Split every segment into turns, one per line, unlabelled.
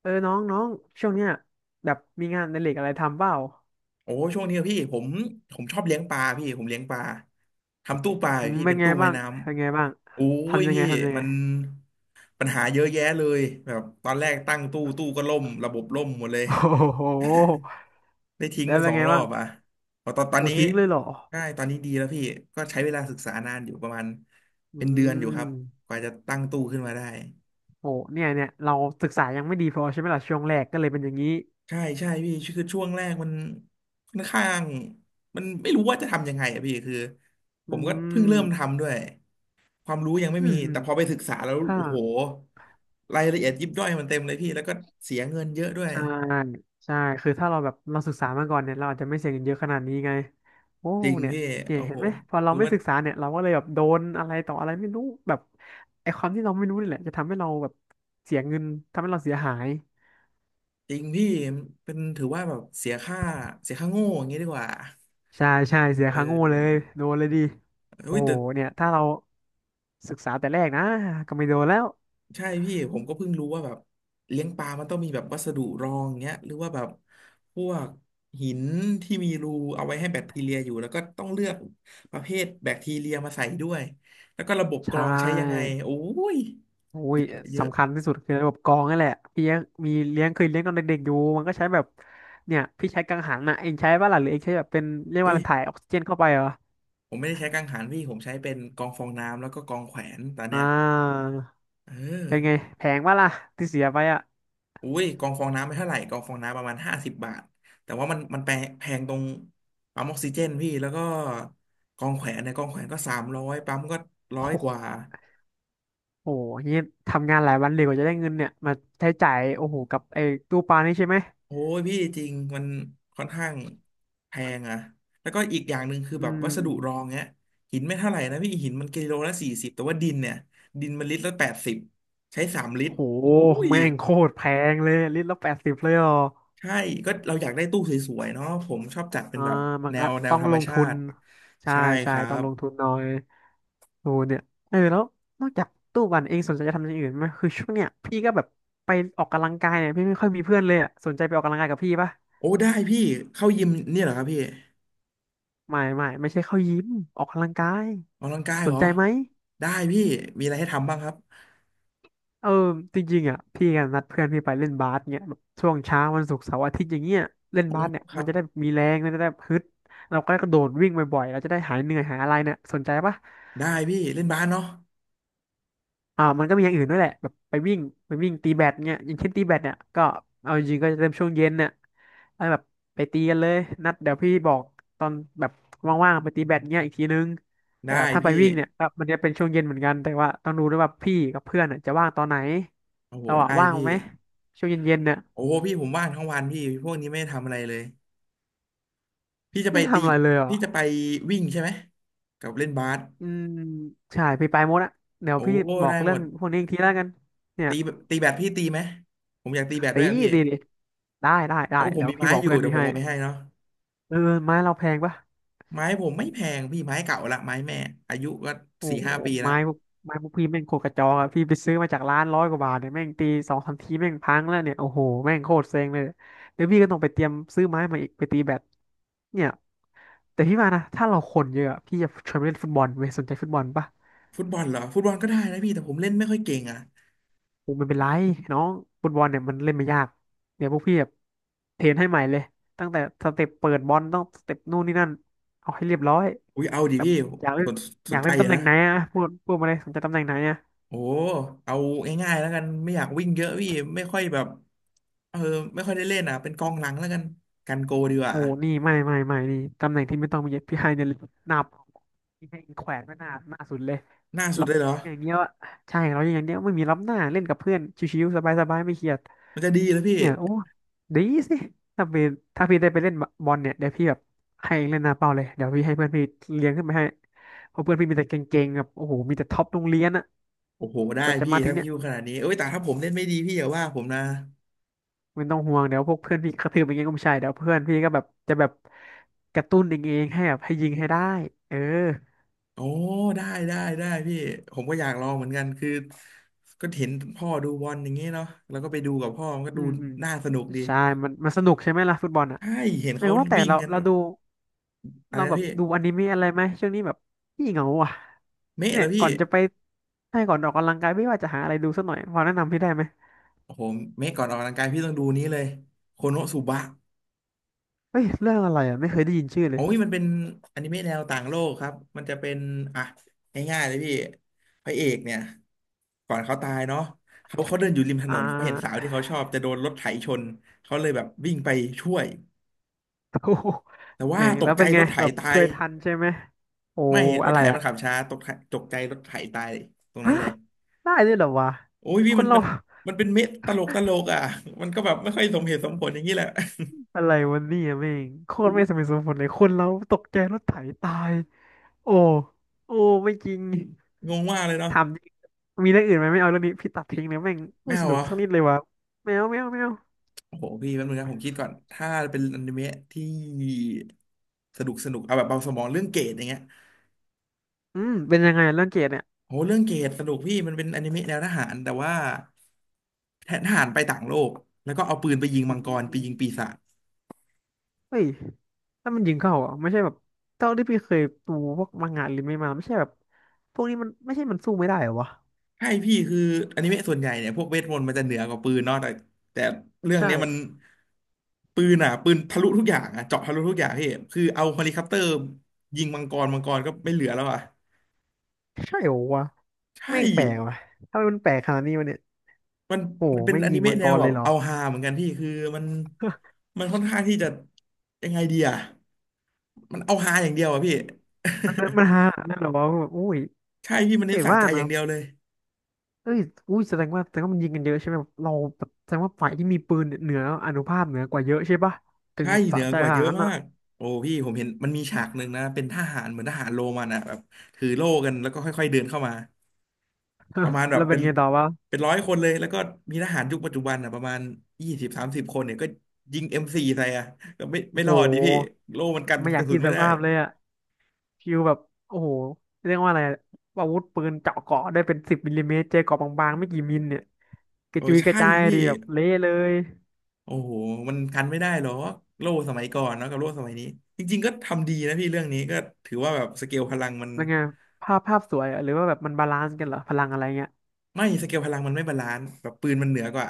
เออน้องน้องช่วงเนี้ยแบบมีงานในเหล็กอะไรทำเปล่า
โอ้ช่วงนี้อะพี่ผมชอบเลี้ยงปลาพี่ผมเลี้ยงปลาทำตู้ปลาอ
อื
ยู่
ม
พี่
เป็น
เป็น
ไง
ตู้ไม้
บ้าง
น้
เป็นไงบ้าง
ำโอ้ย
ทำยัง
พี่
ไงทำยัง
มั
ไง
นปัญหาเยอะแยะเลยแบบตอนแรกตั้งตู้ก็ล่มระบบล่มหมดเลย
โอ้โห
ได้ทิ้ง
แล้ว
ไป
เป็
ส
น
อง
ไง
รอ
บ้าง
บอ่ะพอตอน
โอ้
นี้
ทิ้งเลยเหรอ
ใช่ตอนนี้ดีแล้วพี่ก็ใช้เวลาศึกษานานอยู่ประมาณเป็
อื
นเดือนอยู่ครับ
ม
กว่าจะตั้งตู้ขึ้นมาได้
โหเนี่ยเนี่ยเราศึกษายังไม่ดีพอใช่ไหมล่ะช่วงแรกก็เลยเป็นอย่างนี้
ใช่ใช่พี่คือช่วงแรกมันค่อนข้างมันไม่รู้ว่าจะทำยังไงอะพี่คือผ
อื
มก็เพิ่งเริ่ม
ม
ทำด้วย ความรู้ยังไม่
อื
มี
มอื
แต่
ม
พอไปศึกษาแล้ว
ถ้า
โอ้โหรายละเอียดยิบย่อยมันเต็มเลยพี่แล้วก็เสียเงินเยอะด้วย
ใช่ใช่คือถ้าเราแบบเราศึกษามาก่อนเนี่ยเราอาจจะไม่เสียเงินเยอะขนาดนี้ไงโอ้
จริง
เนี่ย
พี่
เนี่ย
โอ้
เห็
โห
นไหมพอเรา
ถือ
ไม่
ว่า
ศึกษาเนี่ยเราก็เลยแบบโดนอะไรต่ออะไรไม่รู้แบบไอ้ความที่เราไม่รู้นี่แหละจะทำให้เราแบบเสียเงินทำให้เราเสียหาย
จริงพี่เป็นถือว่าแบบเสียค่าเสียค่าโง่อย่างนี้ดีกว่า
ใช่ใช่เสีย
เอ
ค่าโง่เลย
อ
โดนเลยดิโอ้
อุ้ยแต่
เนี่ยถ้าเราศึกษาแต่แรกนะก็ไม่โดนแล้ว
ใช่พี่ผมก็เพิ่งรู้ว่าแบบเลี้ยงปลามันต้องมีแบบวัสดุรองเงี้ยหรือว่าแบบพวกหินที่มีรูเอาไว้ให้แบคทีเรียอยู่แล้วก็ต้องเลือกประเภทแบคทีเรียมาใส่ด้วยแล้วก็ระบบ
ใช
กรองใช้ยังไง
่
โอ้ย
โอ้
เย
ย
อะเยอะ
สำคัญที่สุดคือระบบกรองนั่นแหละพี่ยังมีเลี้ยงเคยเลี้ยงตอนเด็กๆอยู่มันก็ใช้แบบเนี่ยพี่ใช้กังหันนะเองใช้ป่ะล่ะหรือเองใช้แบบเป็นเรียกว่า
อุ้
อะ
ย
ไรถ่ายออกซิเจนเข้าไปเหรอ
ผมไม่ได้ใช้กังหันพี่ผมใช้เป็นกรองฟองน้ำแล้วก็กรองแขวนตอนเนี้
อ่า
ยเอ
เป็นไง
อ
แพงป่ะล่ะที่เสียไปอ่ะ
อุ้ยกองฟองน้ำไม่เท่าไหร่กองฟองน้ำประมาณ50 บาทแต่ว่ามันแพงแพงตรงปั๊มออกซิเจนพี่แล้วก็กองแขวนเนี่ยกองแขวนก็300ปั๊มก็ร้อ
โอ้
ย
โห
กว่า
โอ้โหนี่ทำงานหลายวันเลยกว่าจะได้เงินเนี่ยมาใช้จ่ายโอ้โหกับไอ้ตู้ปลานี่ใช่ไหม
โอ้ยพี่จริงมันค่อนข้างแพงอะแล้วก็อีกอย่างหนึ่งคือ
อื
แบบวั
ม
สดุรองเนี้ยหินไม่เท่าไหร่นะพี่หินมันกิโลละ40แต่ว่าดินเนี่ยดินมันลิตรละ80ใช้3 ลิตร
โห
อุ้ย
แม่งโคตรแพงเลยลิตรละแปดสิบเลยเหรอ
ใช่ก็เราอยากได้ตู้สวยๆเนาะผมชอบจัดเป็น
อ่า
แบบ
มัน
แน
ก็
วแนว
ต้อง
ธรร
ล
ม
ง
ชา
ทุน
ติ
ใช่
ใช่
ใช่
ครั
ต้อง
บ
ลงทุนหน่อย โอ้เนี่ยเออแล้วนอกจากตู้ปั่นเองสนใจจะทำอย่างอื่นไหมคือช่วงเนี้ยพี่ก็แบบไปออกกำลังกายเนี่ยพี่ไม่ค่อยมีเพื่อนเลยอ่ะสนใจไปออกกำลังกายกับพี่ปะ
โอ้ได้พี่เข้ายิมเนี่ยเหรอครับพี่
ไม่ไม่ไม่ใช่เข้ายิมออกกำลังกาย
ออกกำลังกาย
ส
เหร
น
อ
ใจไหม
ได้พี่มีอะไรให้ทำบ้างครับ
เออจริงๆอ่ะพี่กันนัดเพื่อนพี่ไปเล่นบาสเนี่ยแบบช่วงเช้าวันศุกร์เสาร์อาทิตย์อย่างเงี้ยเล่น
โอ้
บาสเนี่ย
ค
มั
รั
น
บ
จะได้มีแรงมันจะได้ฮึดเราก็กระโดดวิ่งบ่อยๆเราจะได้หายเหนื่อยหายอะไรเนี่ยสนใจปะ
ได้พี่เล่นบาสเนาะ
อ่ามันก็มีอย่างอื่นด้วยแหละแบบไปวิ่งไปวิ่งตีแบดเงี้ยอย่างเช่นตีแบดเนี่ยก็เอาจริงๆก็จะเริ่มช่วงเย็นเนี่ยแล้วแบบไปตีกันเลยนัดเดี๋ยวพี่บอกตอนแบบว่างๆไปตีแบดเงี้ยอีกทีนึงแต่
ได้
ว่าถ้าไป
พี่
วิ่งเนี่ยก็มันจะเป็นช่วงเย็นเหมือนกันแต่ว่าต้องดูด้วยว่าพี่กับเพื่อนน่ะจะว่างตอนไหน
โอ้โห
เราอะ
ได้
ว่าง
พี่
ไหมช่วงเย็นๆเนี่ย
โอ้โหพี่ผมว่างทั้งวันพี่พวกนี้ไม่ได้ทำอะไรเลยพี่จะไป
ไม่
ตี
ทำอะไรเลยเหรอ
พี่จะไปวิ่งใช่ไหมกับเล่นบาส
อืมใช่พี่ไปหมดอะเดี๋ยว
โอ้
พี่บอก
ได้ห
เรื่
ม
อง
ด
พวกนี้อีกทีแล้วกันเนี่ย
ตีตีแบดพี่ตีไหมผมอยากตีแบดด้
ตี
วยอะพี่
ดีดีได้ได้ได้
โอ้ผม
เดี๋ยว
มี
พี่
ไม้
บอก
อยู่
เพื่อน
เดี๋ย
พี่
วผม
ให้
เอาไปให้เนาะ
เออไม้เราแพงปะ
ไม้ผมไม่แพงพี่ไม้เก่าละไม้แม่อายุก็
โอ้
สี่
โห
ห้าปีละ
ไม้พวกไม้พวกพี่แม่งโคตรกระจอกอะพี่ไปซื้อมาจากร้านร้อยกว่าบาทเนี่ยแม่งตีสองสามทีแม่งพังแล้วเนี่ยโอ้โหแม่งโคตรเซ็งเลยเดี๋ยวพี่ก็ต้องไปเตรียมซื้อไม้มาอีกไปตีแบดเนี่ยแต่พี่ว่านะถ้าเราคนเยอะอะพี่จะชวนไปเล่นฟุตบอลเว้ยสนใจฟุตบอลปะ
ฟุตบอลเหรอฟุตบอลก็ได้นะพี่แต่ผมเล่นไม่ค่อยเก่งอ่ะ
โอ้ไม่เป็นไรน้องฟุตบอลเนี่ยมันเล่นไม่ยากเดี๋ยวพวกพี่แบบเทรนให้ใหม่เลยตั้งแต่สเต็ปเปิดบอลต้องสเต็ปนู่นนี่นั่นเอาให้เรียบร้อย
อุ้ยเอาดิ
แบบ
พี่
อยากเล่
ส
น
น
อ
ส
ยา
น
ก
ใจ
เล่น
อยู่
ตำแหน่
นะ
งไหนอะพูดมาเลยสนใจตำแหน่งไหนอะ
โอ้เอาง่ายๆแล้วกันไม่อยากวิ่งเยอะพี่ไม่ค่อยแบบเออไม่ค่อยได้เล่นอ่ะเป็นกองหลังแล้วกันกันโกดีกว่า
โอ้นี่ไม่ไม่ไม่นี่ตำแหน่งที่ไม่ต้องมีพี่ไฮเนี่ยหน้าเป้าพี่ให้แขวนไว้หน้าหน้าสุดเลย
หน้าสุ
เรั
ดเลยเหรอ
อย่างเงี้ยวอะใช่เราอย่างเงี้ยไม่มีรับหน้าเล่นกับเพื่อนชิวๆสบายๆไม่เครียด
มันจะดีแล้วพี่
เนี่ยโอ้ดีสิถ้าเป็นถ้าพี่ได้ไปเล่นบอลเนี่ยเดี๋ยวพี่แบบให้เล่นหน้าเป้าเลยเดี๋ยวพี่ให้เพื่อนพี่เลี้ยงขึ้นไปให้เพราะเพื่อนพี่มีแต่เก่งๆแบบโอ้โหมีแต่ท็อปโรงเรียนอะ
โอ้โหได้
ก่อนจะ
พี่
มาถึ
ถ้า
งเนี่
พี่
ย
พูดขนาดนี้เอ้ยแต่ถ้าผมเล่นไม่ดีพี่อย่าว่าผมนะ
ไม่ต้องห่วงเดี๋ยวพวกเพื่อนพี่กระทืบอย่างเงี้ยก็ไม่ใช่เดี๋ยวเพื่อนพี่ก็แบบจะแบบกระตุ้นเองๆให้แบบให้ยิงให้ได้เออ
โอ้ได้ได้ได้พี่ผมก็อยากลองเหมือนกันคือก็เห็นพ่อดูบอลอย่างเงี้ยเนาะแล้วก็ไปดูกับพ่อมันก็
อื
ดู
มอืม
น่าสนุกดี
ใช่มันมันสนุกใช่ไหมล่ะฟุตบอลอ่ะ
ใช่เห็น
เออ
เขา
ว่าแต่
วิ่ง
เรา
กัน
เราดู
อะไร
เรา
นะ
แบบ
พี่
ดูอนิเมะอะไรไหมช่วงนี้แบบพี่เหงาอ่ะ
เมะ
เนี่
แล้
ย
วพี่
ก่อนจะไปให้ก่อนออกกำลังกายไม่ว่าจะหาอะไรดูสักหน่อยพอแนะนำพี่ได้ไหม
โอ้โหเมะก่อนออกกำลังกายพี่ต้องดูนี้เลยโคโนสุบะ
เฮ้ยเรื่องอะไรอ่ะไม่เคยได้ยินชื่อเล
โอ้
ย
ยมันเป็นอนิเมะแนวต่างโลกครับมันจะเป็นอ่ะง่ายๆเลยพี่พระเอกเนี่ยก่อนเขาตายเนาะเขาเดินอยู่ริมถน
อ่
นเขาเห็นสาว
า
ที่เขาชอบจะโดนรถไถชนเขาเลยแบบวิ่งไปช่วย
โอ้โห
แต่ว่า
แม่ง
ตก
แล้ว
ใจ
เป็นไง
รถไถ
แบบ
ตา
ช่
ย
วยทันใช่ไหมโอ้
ไม่ร
อะ
ถ
ไร
ไถมั
อ่ะ
นขับช้าตกไถตกใจรถไถตายตรงนั้
ฮะ
นเลย
ได้ด้วยเหรอวะ
โอ้ย
ค
พี่มั
น
น
เรา
มัน มันเป็นเมะตลกตลกอ่ะมันก็แบบไม่ค่อยสมเหตุสมผลอย่างนี้แหละ
อะไรวันนี้อ่ะแม่งโคตร
อู้
ไม่สมเหตุสมผลเลยคนเราตกใจรถไถตายโอ้โอ้ไม่จริง
งงมากเลยเนาะ
ถามจริงมีเรื่องอื่นไหมไม่เอาเรื่องนี้พี่ตัดทิ้งเลยแม่ง
ไม่
ไม่ส
เอา
นุ
เห
ก
รอ
สักนิดเลยวะแมวแมวแมว
โอ้โหพี่แป๊บนึงนะผมคิดก่อนถ้าเป็นอนิเมะที่สนุกสนุกเอาแบบเบาสมองเรื่องเกรดอย่างเงี้ย
อืมเป็นยังไงอะเรื่องเกรดเนี่ย
โหเรื่องเกรดสนุกพี่มันเป็นอนิเมะแนวทหารแต่ว่าแทนทหารไปต่างโลกแล้วก็เอาปืนไปยิง
อื
มังกรไปยิงปี
ม
ศาจ
เฮ้ยถ้ามันยิงเข้าอ่ะไม่ใช่แบบเท่าที่พี่เคยดูพวกมังงะหรือไม่มาไม่ใช่แบบพวกนี้มันไม่ใช่มันสู้ไม่ได้เหรอวะ
ใช่พี่คืออนิเมะส่วนใหญ่เนี่ยพวกเวทมนต์มันจะเหนือกว่าปืนเนาะแต่เรื่อง
ใช่
เนี้ยมันปืนอ่ะปืนทะลุทุกอย่างอ่ะเจาะทะลุทุกอย่างพี่คือเอาเฮลิคอปเตอร์ยิงมังกรมังกรก็ไม่เหลือแล้วอ่ะ
ใช่เหรอวะ
ใช่
แม่งแปลกว่ะถ้ามันแปลกขนาดนี้วะเนี่ย
มัน
โอ้โห
มันเป็น
แม่ง
อ
ยิ
นิ
งมั
เมะ
ง
แน
ก
ว
ร
แบ
เลย
บ
เหรอ
เอาฮาเหมือนกันพี่คือมันมันค่อนข้างที่จะยังไงดีอ่ะมันเอาฮาอย่างเดียวอ่ะพี่
มันฮานั่นเหรอวะแบบอุ้ย
ใช่พี่มันเน้
แต่
นสะ
ว่า
ใจอ
นะ
ย่างเดียวเลย
เอ้ยอุ้ยแสดงว่าแสดงว่ามันยิงกันเยอะใช่ไหมแบบเราแบบแสดงว่าฝ่ายที่มีปืนเนี่ยเหนืออานุภาพเหนือกว่าเยอะใช่ปะถึง
ใช่
แบบ
เหนื
สะ
อ
ใจ
กว่า
ข
เย
นาด
อะ
นั้น
มา
อ่ะ
กโอ้พี่ผมเห็นมันมีฉากหนึ่งนะเป็นทหารเหมือนทหารโรมันอ่ะแบบถือโล่กันแล้วก็ค่อยๆเดินเข้ามาประมาณแบ
แล้
บ
วเป็
เป็
น
น
ไงต่อวะ
เป็นร้อยคนเลยแล้วก็มีทหารยุคปัจจุบันอ่ะประมาณ20-30คนเนี่ยก็ยิงM4ใส่อ่ะก็ไม่
โอ้
ไม่
โห
รอดดิพี่โล่มันกัน
ไม่อ
ก
ยาก
ระสุ
กิ
น
นส
ไม่ได้
ภาพเลยอ่ะฟิวแบบโอ้โหเรียกว่าอะไรอะอาวุธปืนเจาะเกราะได้เป็น10 มม.เจอเกราะบางๆไม่กี่มิลเนี่ยกระ
โอ้
จุยกระ
ใช่
จาย
พี่
ดีแบบเละเลย
โอ้โหมันกันไม่ได้หรอกโล่สมัยก่อนเนาะกับโล่สมัยนี้จริงๆ ก็ทำดีนะพี่เรื่องนี้ก็ถือว่าแบบสเกลพลังมัน
ยังไงภาพภาพสวยอะหรือว่าแบบมันบาลานซ์กันเหรอพลังอะไรเงี้ย
ไม่สเกลพลังมันไม่บาลานซ์แบบปืนมันเหนือกว่า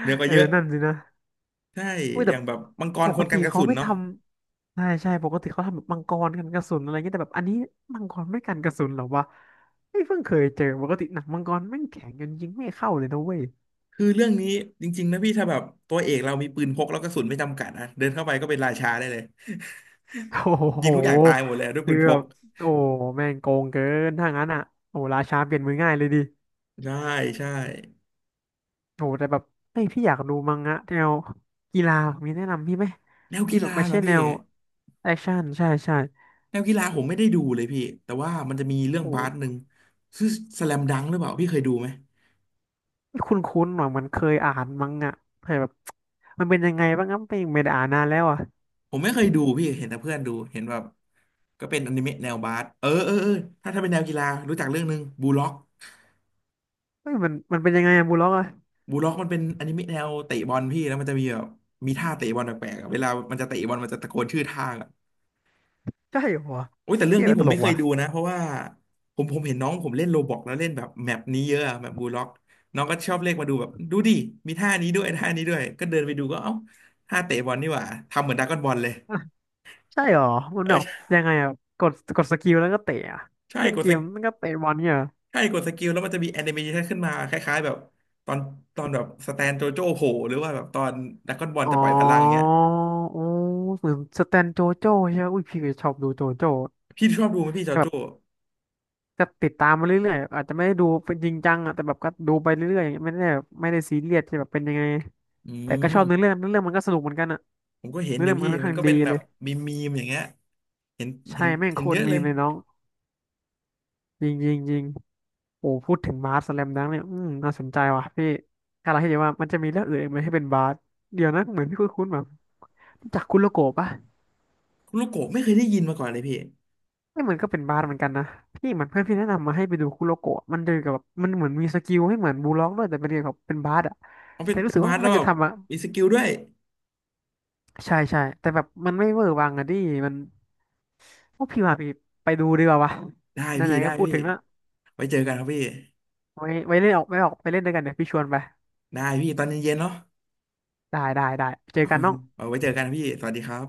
เหนือก ว่า
เออ
เยอะ
นั่นสินะ
ใช่
อุ้ย
อ
แต่
ย่างแบบมังกร
ป
ค
ก
นกั
ติ
นกระ
เขา
สุน
ไม่ท
เนาะ
ำใช่ใช่ปกติเขาทำแบบมังกรกันกระสุนอะไรเงี้ยแต่แบบอันนี้มังกรไม่กันกระสุนเหรอวะไม่เพิ่งเคยเจอปกติหนังมังกรแม่งแข็งจนยิงไม่เข้าเลยนะเว้ย
คือเรื่องนี้จริงๆนะพี่ถ้าแบบตัวเอกเรามีปืนพกแล้วกระสุนไม่จำกัดอะเดินเข้าไปก็เป็นราชาได้เลย
โอ้
ยิ
โห
งทุกอย่างตายหมดเลยด้วย
คื
ปื
อ
นพ
แบ
ก
บโอ้แม่งโกงเกินถ้างั้นอ่ะโอ้ราชาเปลี่ยนมือง่ายเลยดิ
ใช่ใช่
โอ้แต่แบบเอ้ยพี่อยากดูมังงะแนวกีฬามีแนะนำพี่ไหม
แนว
ที่
กี
แบ
ฬา
บไม่
เหรอ
ใช่แน
พี่
วแอคชั่นใช่ใช่
แนวกีฬาผมไม่ได้ดูเลยพี่แต่ว่ามันจะมีเรื่อง
โอ
บาสหนึ่
้
งชื่อสแลมดังหรือเปล่าพี่เคยดูไหม
คุ้นๆหน่อยมันเคยอ่านมั้งอ่ะแต่แบบมันเป็นยังไงบ้างครับไม่ไม่ได้อ่านนานแล้วอ่ะ
ผมไม่เคยดูพี่เห็นแต่เพื่อนดูเห็นแบบก็เป็นอนิเมะแนวบาสเออเออเออถ้าเป็นแนวกีฬารู้จักเรื่องหนึ่งบูล็อก
เฮ้ยมันเป็นยังไงอะบูลล็อกอ่ะ
บูล็อกมันเป็นอนิเมะแนวเตะบอลพี่แล้วมันจะมีแบบมีท่าเตะบอลแปลกๆอะเวลามันจะเตะบอลมันจะตะโกนชื่อท่า
ใช่เหรอ
โอ้ยแต่เรื่อง
เที่ย
นี้ผ
ต
ม
ล
ไม่
ก
เคย
ว่ะ
ดูนะเพราะว่าผมเห็นน้องผมเล่นโรบอกแล้วเล่นแบบแมปนี้เยอะอะแบบบูล็อกน้องก็ชอบเรียกมาดูแบบดูดิมีท่านี้ด้วยท่านี้ด้วยก็เดินไปดูก็เอ้าท่าเตะบอลนี่หว่าทำเหมือนดราก้อนบอลเลย
อ่ะใช่เหรอ มันแบบ
เออ
ยังไงอ่ะ กดสกิลแล้วก็เตะอะ
ใช่
เล่น
กด
เก
ส
ม
กิล
แล้วก็เตะบอลเนี่ยเหรอ
ใช่กดสกิลแล้วมันจะมีแอนิเมชันขึ้นมาคล้ายๆแบบตอนตอนแบบสแตนโจโจ้โผล่หรือว่าแบบตอนดราก้อนบอล
อ๋
จะ
อ
ปล่อยพลังอย่างเงี้ย
โอ้เหมือนสแตนโจโจ้ใช่ไหมอุ้ยพี่ก็ชอบดูโจโจ้
พี่ชอบดูไหมพี่จ
ก็
อ
แบ
โจ้
บจะติดตามมาเรื่อยๆอาจจะไม่ได้ดูเป็นจริงจังอ่ะ แต่แบบก็ดูไปเรื่อยๆอย่างเงี้ยไม่ได้แบบไม่ได้ซีเรียสที่แบบเป็นยังไง
อื
แต่ก็
ม
ชอบเนื้อเรื่องเนื้อเรื่องมันก็สนุกเหมือนกันอะ
ผมก็เห็น
เนื้อ
อยู่
เรื่องมั
พี่
นค่อน
มัน
ข้าง
ก็
ดี
เป็นแบ
เล
บ
ย
มีมีมอย่างเงี้ยเห็น
ใช่
เห็น
แม่ง
เห็
โค
นเย
ตร
อะ
มี
เลย
มเลยน้องจริงจริงจริงโอ้พูดถึงบาสสแลมดังเนี่ยอืมน่าสนใจว่ะพี่ถ้าเราให้ดีว่ามันจะมีเรื่องอื่นอีกไหมให้เป็นบาสเดี๋ยวนะเหมือนพี่คุ้นๆแบบรู้จากคุโรโกะปะ
ลูกโกะไม่เคยได้ยินมาก่อนเลยพี่
นี่มันก็เป็นบาสเหมือนกันนะพี่เหมือนเพื่อนพี่แนะนำมาให้ไปดูคุโรโกะมันเดินกับแบบมันเหมือนมีสกิลให้เหมือนบูลล็อกด้วยแต่เป็นเกี่ยวกับเป็นบาสอะ
เขาเป็
แต่
น
รู้
เป็น
สึก
บา
ว่า
สแล้
มั
ว
น
แบ
จะ
บ
ทำอะ
มีสกิลด้วย
ใช่ใช่แต่แบบมันไม่เวอร์วังอะดิมันพวกพี่ว่าพี่ไปดูดีกว่าวะ
ได้พี่
ไหนๆ
ได้
ก็พูด
พี่
ถึงละ
ไว้เจอกันครับพี่
ไว้เล่นออกออกไปเล่นด้วยกันเดี๋ยวพี่ชวนไป
ได้พี่ตอนเย็นๆเนาะ
ได้เจอ
โอ
กัน
เค
น้อง
เอาไว้เจอกันพี่สวัสดีครับ